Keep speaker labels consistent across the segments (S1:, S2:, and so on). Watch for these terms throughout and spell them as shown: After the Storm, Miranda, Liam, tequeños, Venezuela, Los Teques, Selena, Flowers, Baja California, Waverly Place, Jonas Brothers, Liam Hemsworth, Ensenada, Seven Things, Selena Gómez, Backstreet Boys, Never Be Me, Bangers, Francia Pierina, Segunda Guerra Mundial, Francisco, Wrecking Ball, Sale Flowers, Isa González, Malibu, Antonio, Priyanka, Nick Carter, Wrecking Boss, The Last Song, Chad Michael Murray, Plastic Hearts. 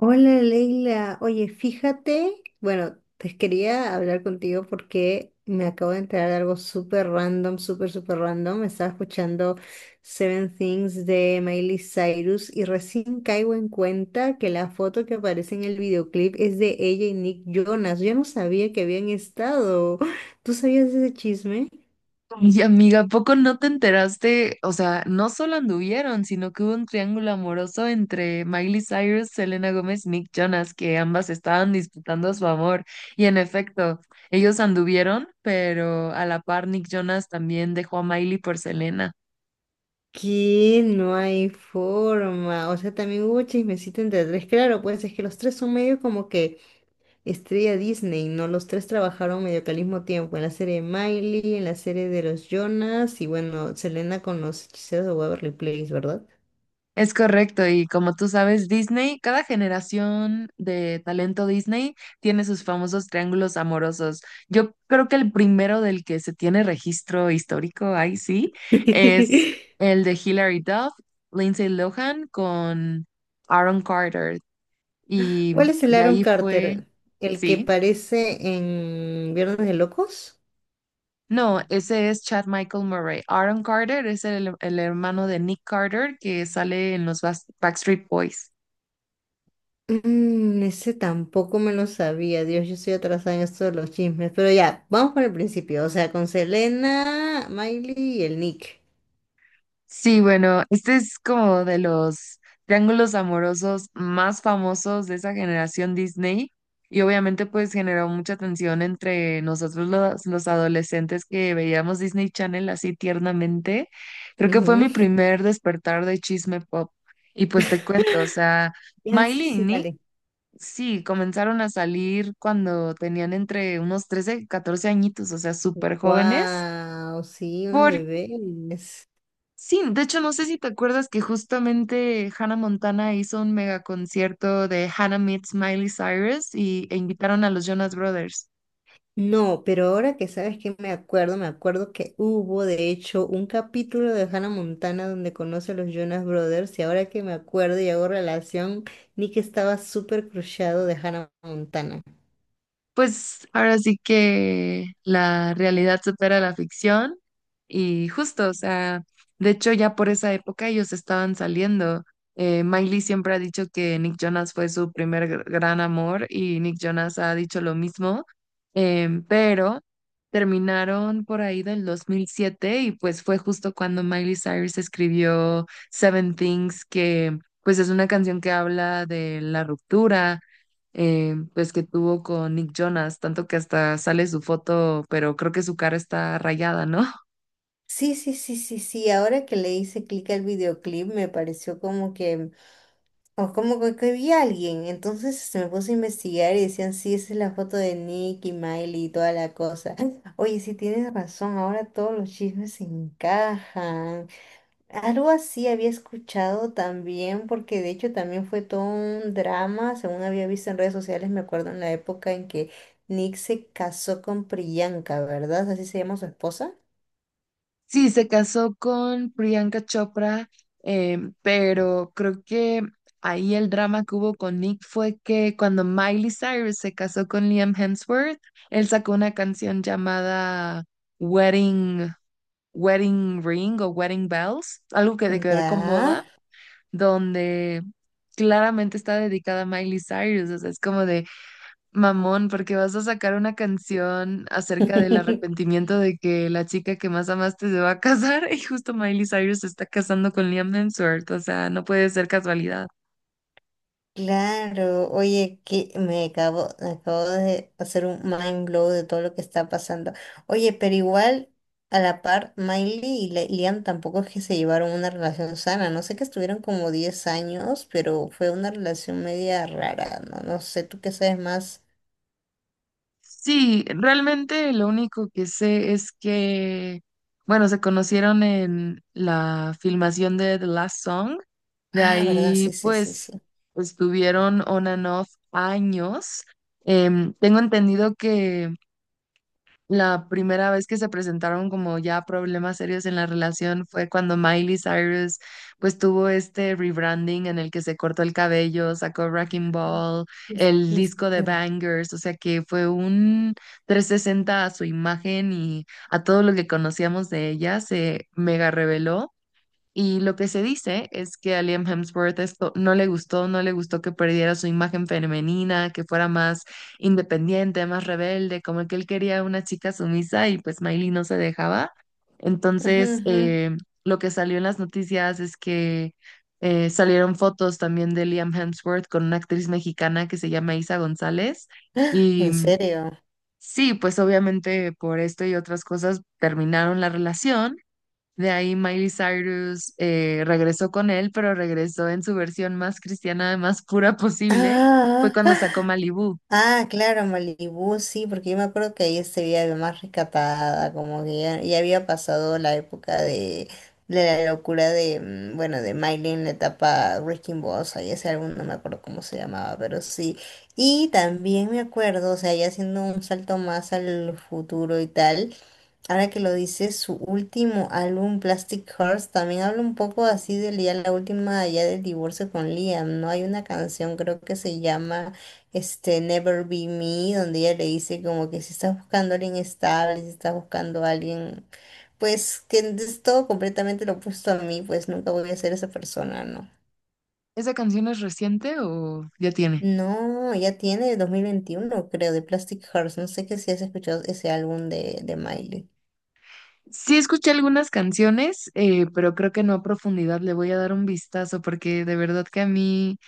S1: Hola Leila, oye, fíjate, bueno, te quería hablar contigo porque me acabo de enterar de algo súper random, súper, súper random. Estaba escuchando Seven Things de Miley Cyrus y recién caigo en cuenta que la foto que aparece en el videoclip es de ella y Nick Jonas. Yo no sabía que habían estado. ¿Tú sabías ese chisme?
S2: Y amiga, ¿a poco no te enteraste? O sea, no solo anduvieron, sino que hubo un triángulo amoroso entre Miley Cyrus, Selena Gómez, Nick Jonas, que ambas estaban disputando su amor. Y en efecto, ellos anduvieron, pero a la par Nick Jonas también dejó a Miley por Selena.
S1: Que no hay forma. O sea, también hubo chismecito entre tres. Claro, pues es que los tres son medio como que Estrella Disney, ¿no? Los tres trabajaron medio que al mismo tiempo, en la serie de Miley, en la serie de los Jonas y bueno, Selena con los hechiceros de Waverly Place, ¿verdad?
S2: Es correcto, y como tú sabes, Disney, cada generación de talento Disney tiene sus famosos triángulos amorosos. Yo creo que el primero del que se tiene registro histórico, ahí sí, es el de Hilary Duff, Lindsay Lohan con Aaron Carter. Y
S1: ¿Cuál es el
S2: de
S1: Aaron
S2: ahí fue,
S1: Carter? ¿El que
S2: sí,
S1: parece en Viernes de Locos?
S2: no, ese es Chad Michael Murray. Aaron Carter es el hermano de Nick Carter que sale en los Backstreet Boys.
S1: Mm, ese tampoco me lo sabía, Dios, yo estoy atrasada en esto de los chismes, pero ya, vamos por el principio, o sea, con Selena, Miley y el Nick.
S2: Sí, bueno, este es como de los triángulos amorosos más famosos de esa generación Disney y obviamente pues generó mucha tensión entre nosotros los adolescentes que veíamos Disney Channel así tiernamente. Creo que fue mi
S1: Ujú.
S2: primer despertar de chisme pop y pues te cuento, o sea,
S1: Ya, sí,
S2: Miley y
S1: sí,
S2: Nick,
S1: dale.
S2: sí, comenzaron a salir cuando tenían entre unos 13, y 14 añitos, o sea, súper jóvenes.
S1: Wow, sí, unos bebés.
S2: Sí, de hecho no sé si te acuerdas que justamente Hannah Montana hizo un mega concierto de Hannah Meets Miley Cyrus e invitaron a los Jonas Brothers.
S1: No, pero ahora que sabes que me acuerdo que hubo de hecho un capítulo de Hannah Montana donde conoce a los Jonas Brothers y ahora que me acuerdo y hago relación, Nick estaba súper crushado de Hannah Montana.
S2: Pues ahora sí que la realidad supera la ficción y justo, o sea, de hecho ya por esa época ellos estaban saliendo. Miley siempre ha dicho que Nick Jonas fue su primer gran amor y Nick Jonas ha dicho lo mismo, pero terminaron por ahí del 2007 y pues fue justo cuando Miley Cyrus escribió Seven Things, que pues es una canción que habla de la ruptura pues que tuvo con Nick Jonas, tanto que hasta sale su foto, pero creo que su cara está rayada, ¿no?
S1: Sí, sí, sí, sí, sí, ahora que le hice clic al videoclip me pareció como que o como que vi a alguien. Entonces se me puso a investigar y decían, sí, esa es la foto de Nick y Miley y toda la cosa. Oye, sí tienes razón, ahora todos los chismes se encajan. Algo así había escuchado también, porque de hecho también fue todo un drama, según había visto en redes sociales, me acuerdo en la época en que Nick se casó con Priyanka, ¿verdad? Así se llama su esposa.
S2: Sí, se casó con Priyanka Chopra, pero creo que ahí el drama que hubo con Nick fue que cuando Miley Cyrus se casó con Liam Hemsworth, él sacó una canción llamada Wedding, Wedding Ring o Wedding Bells, algo que tiene que ver con
S1: Ya.
S2: boda, donde claramente está dedicada a Miley Cyrus, o sea, es como de mamón, porque vas a sacar una canción acerca del arrepentimiento de que la chica que más amaste se va a casar y justo Miley Cyrus se está casando con Liam Hemsworth, o sea, no puede ser casualidad.
S1: Claro, oye, que me acabo de hacer un mind blow de todo lo que está pasando. Oye, pero igual, a la par, Miley y Liam tampoco es que se llevaron una relación sana. No sé que estuvieron como 10 años, pero fue una relación media rara, ¿no? No sé, tú qué sabes más.
S2: Sí, realmente lo único que sé es que, bueno, se conocieron en la filmación de The Last Song, de
S1: Ah, ¿verdad?
S2: ahí
S1: Sí, sí, sí,
S2: pues
S1: sí.
S2: estuvieron on and off años. Tengo entendido que la primera vez que se presentaron como ya problemas serios en la relación fue cuando Miley Cyrus pues tuvo este rebranding en el que se cortó el cabello, sacó Wrecking Ball,
S1: Sí,
S2: el
S1: sí, sí.
S2: disco de Bangers, o sea que fue un 360 a su imagen y a todo lo que conocíamos de ella se mega reveló y lo que se dice es que a Liam Hemsworth esto no le gustó, no le gustó que perdiera su imagen femenina, que fuera más independiente, más rebelde, como que él quería una chica sumisa y pues Miley no se dejaba.
S1: Ujú,
S2: Entonces,
S1: ujú.
S2: lo que salió en las noticias es que salieron fotos también de Liam Hemsworth con una actriz mexicana que se llama Isa González. Y
S1: ¿En
S2: mm,
S1: serio?
S2: sí, pues obviamente por esto y otras cosas terminaron la relación. De ahí Miley Cyrus regresó con él, pero regresó en su versión más cristiana, más pura posible. Fue
S1: Ah.
S2: cuando sacó Malibu.
S1: Ah, claro, Malibú, sí, porque yo me acuerdo que ahí se veía más rescatada, como que ya, ya había pasado la época de la locura de, bueno, de Miley en la etapa Wrecking Boss, ahí ese álbum no me acuerdo cómo se llamaba, pero sí. Y también me acuerdo, o sea, ya haciendo un salto más al futuro y tal. Ahora que lo dice, su último álbum, Plastic Hearts, también habla un poco así de ya la última, ya del divorcio con Liam, ¿no? Hay una canción, creo que se llama este, Never Be Me, donde ella le dice como que si estás buscando a alguien estable, si estás buscando a alguien, pues que es todo completamente lo opuesto a mí, pues nunca voy a ser esa persona, ¿no?
S2: ¿Esa canción es reciente o ya tiene?
S1: No, ya tiene 2021, creo, de Plastic Hearts. No sé que si has escuchado ese álbum de Miley.
S2: Sí escuché algunas canciones, pero creo que no a profundidad. Le voy a dar un vistazo porque de verdad que a mí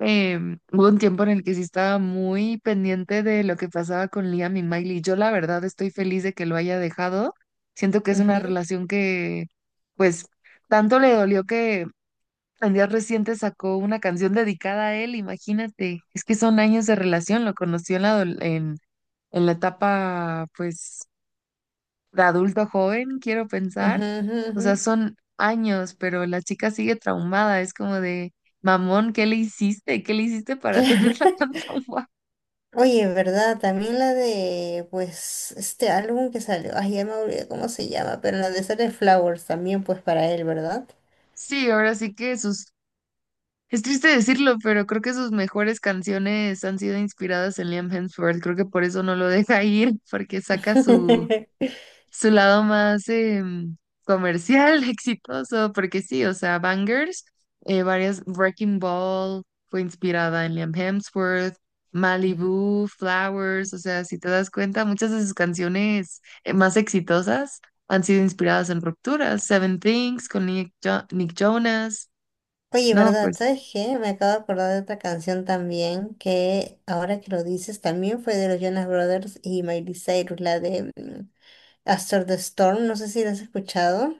S2: eh, hubo un tiempo en el que sí estaba muy pendiente de lo que pasaba con Liam y Miley. Yo la verdad estoy feliz de que lo haya dejado. Siento que es una
S1: Ujú,
S2: relación que, pues, tanto le dolió que en días recientes sacó una canción dedicada a él, imagínate. Es que son años de relación, lo conoció en la, en la etapa, pues, de adulto joven, quiero pensar.
S1: ujú, ujú,
S2: O
S1: ujú.
S2: sea, son años, pero la chica sigue traumada. Es como de, mamón, ¿qué le hiciste? ¿Qué le hiciste para tenerla tan traumada?
S1: Oye, ¿verdad? También la de, pues, este álbum que salió, ay, ya me olvidé cómo se llama, pero la de Sale Flowers también, pues, para él, ¿verdad?
S2: Sí, ahora sí que sus, es triste decirlo, pero creo que sus mejores canciones han sido inspiradas en Liam Hemsworth. Creo que por eso no lo deja ir, porque saca su su lado más comercial, exitoso, porque sí, o sea, Bangers, varias, Wrecking Ball fue inspirada en Liam Hemsworth, Malibu, Flowers, o sea, si te das cuenta, muchas de sus canciones más exitosas han sido inspiradas en rupturas, Seven Things con Nick, Nick Jonas,
S1: Oye,
S2: no,
S1: ¿verdad?
S2: pues,
S1: ¿Sabes qué? Me acabo de acordar de otra canción también, que ahora que lo dices, también fue de los Jonas Brothers y Miley Cyrus, la de After the Storm, no sé si la has escuchado.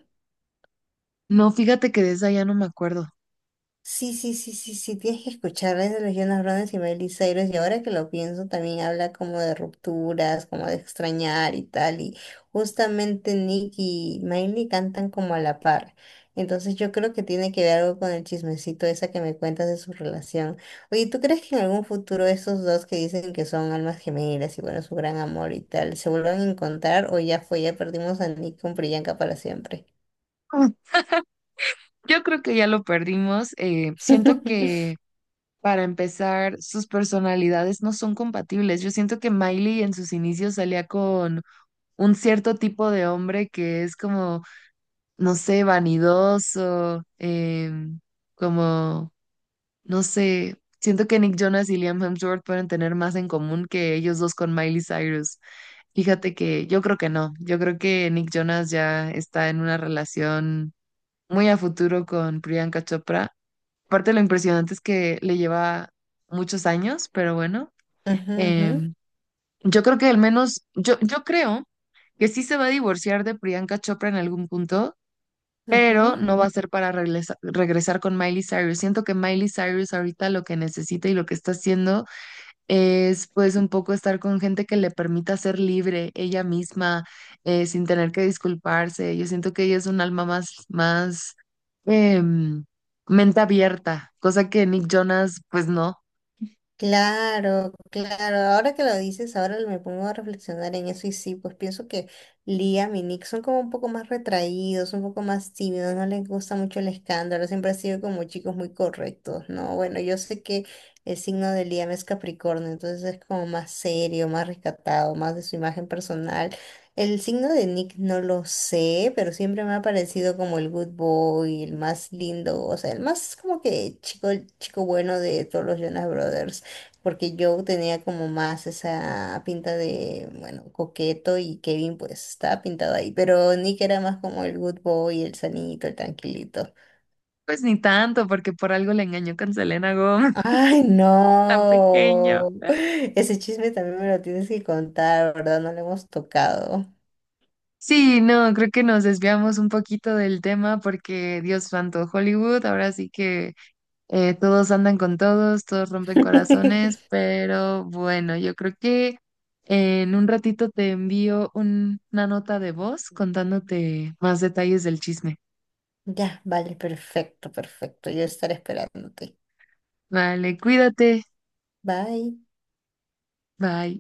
S2: no, fíjate que de esa ya no me acuerdo.
S1: Sí, sí, sí, sí, sí, tienes que escucharles de los Jonas Brothers y Miley Cyrus, y ahora que lo pienso también habla como de rupturas, como de extrañar y tal, y justamente Nick y Miley cantan como a la par, entonces yo creo que tiene que ver algo con el chismecito esa que me cuentas de su relación. Oye, ¿tú crees que en algún futuro estos dos que dicen que son almas gemelas y bueno, su gran amor y tal, se vuelvan a encontrar o ya fue, ya perdimos a Nick con Priyanka para siempre?
S2: Mm. Yo creo que ya lo perdimos. Siento
S1: Ujú,
S2: que para empezar, sus personalidades no son compatibles. Yo siento que Miley en sus inicios salía con un cierto tipo de hombre que es como, no sé, vanidoso, em, como, no sé, siento que Nick Jonas y Liam Hemsworth pueden tener más en común que ellos dos con Miley Cyrus. Fíjate que yo creo que no, yo creo que Nick Jonas ya está en una relación muy a futuro con Priyanka Chopra. Aparte, lo impresionante es que le lleva muchos años, pero bueno,
S1: ujú,
S2: em, yo creo que al menos, yo creo que sí se va a divorciar de Priyanka Chopra en algún punto, pero
S1: ujú.
S2: no va a ser para regresar con Miley Cyrus. Siento que Miley Cyrus ahorita lo que necesita y lo que está haciendo es pues un poco estar con gente que le permita ser libre ella misma, sin tener que disculparse. Yo siento que ella es un alma más, más em, mente abierta, cosa que Nick Jonas pues no,
S1: Claro, claro. Ahora que lo dices, ahora me pongo a reflexionar en eso y sí, pues pienso que Liam y Nick son como un poco más retraídos, un poco más tímidos, no les gusta mucho el escándalo, siempre han sido como chicos muy correctos, ¿no? Bueno, yo sé que el signo de Liam es Capricornio, entonces es como más serio, más rescatado, más de su imagen personal. El signo de Nick no lo sé, pero siempre me ha parecido como el good boy, el más lindo, o sea, el más como que chico, chico bueno de todos los Jonas Brothers porque yo tenía como más esa pinta de, bueno, coqueto y Kevin pues estaba pintado ahí, pero Nick era más como el good boy, el sanito, el tranquilito.
S2: pues ni tanto, porque por algo le engañó con Selena Gómez,
S1: Ay,
S2: tan pequeño.
S1: no. Ese chisme también me lo tienes que contar, ¿verdad? No lo hemos tocado.
S2: Sí, no, creo que nos desviamos un poquito del tema porque Dios santo, Hollywood, ahora sí que todos andan con todos, todos rompen corazones, pero bueno, yo creo que en un ratito te envío una nota de voz contándote más detalles del chisme.
S1: Ya, vale, perfecto, perfecto. Yo estaré esperándote.
S2: Vale, cuídate.
S1: Bye.
S2: Bye.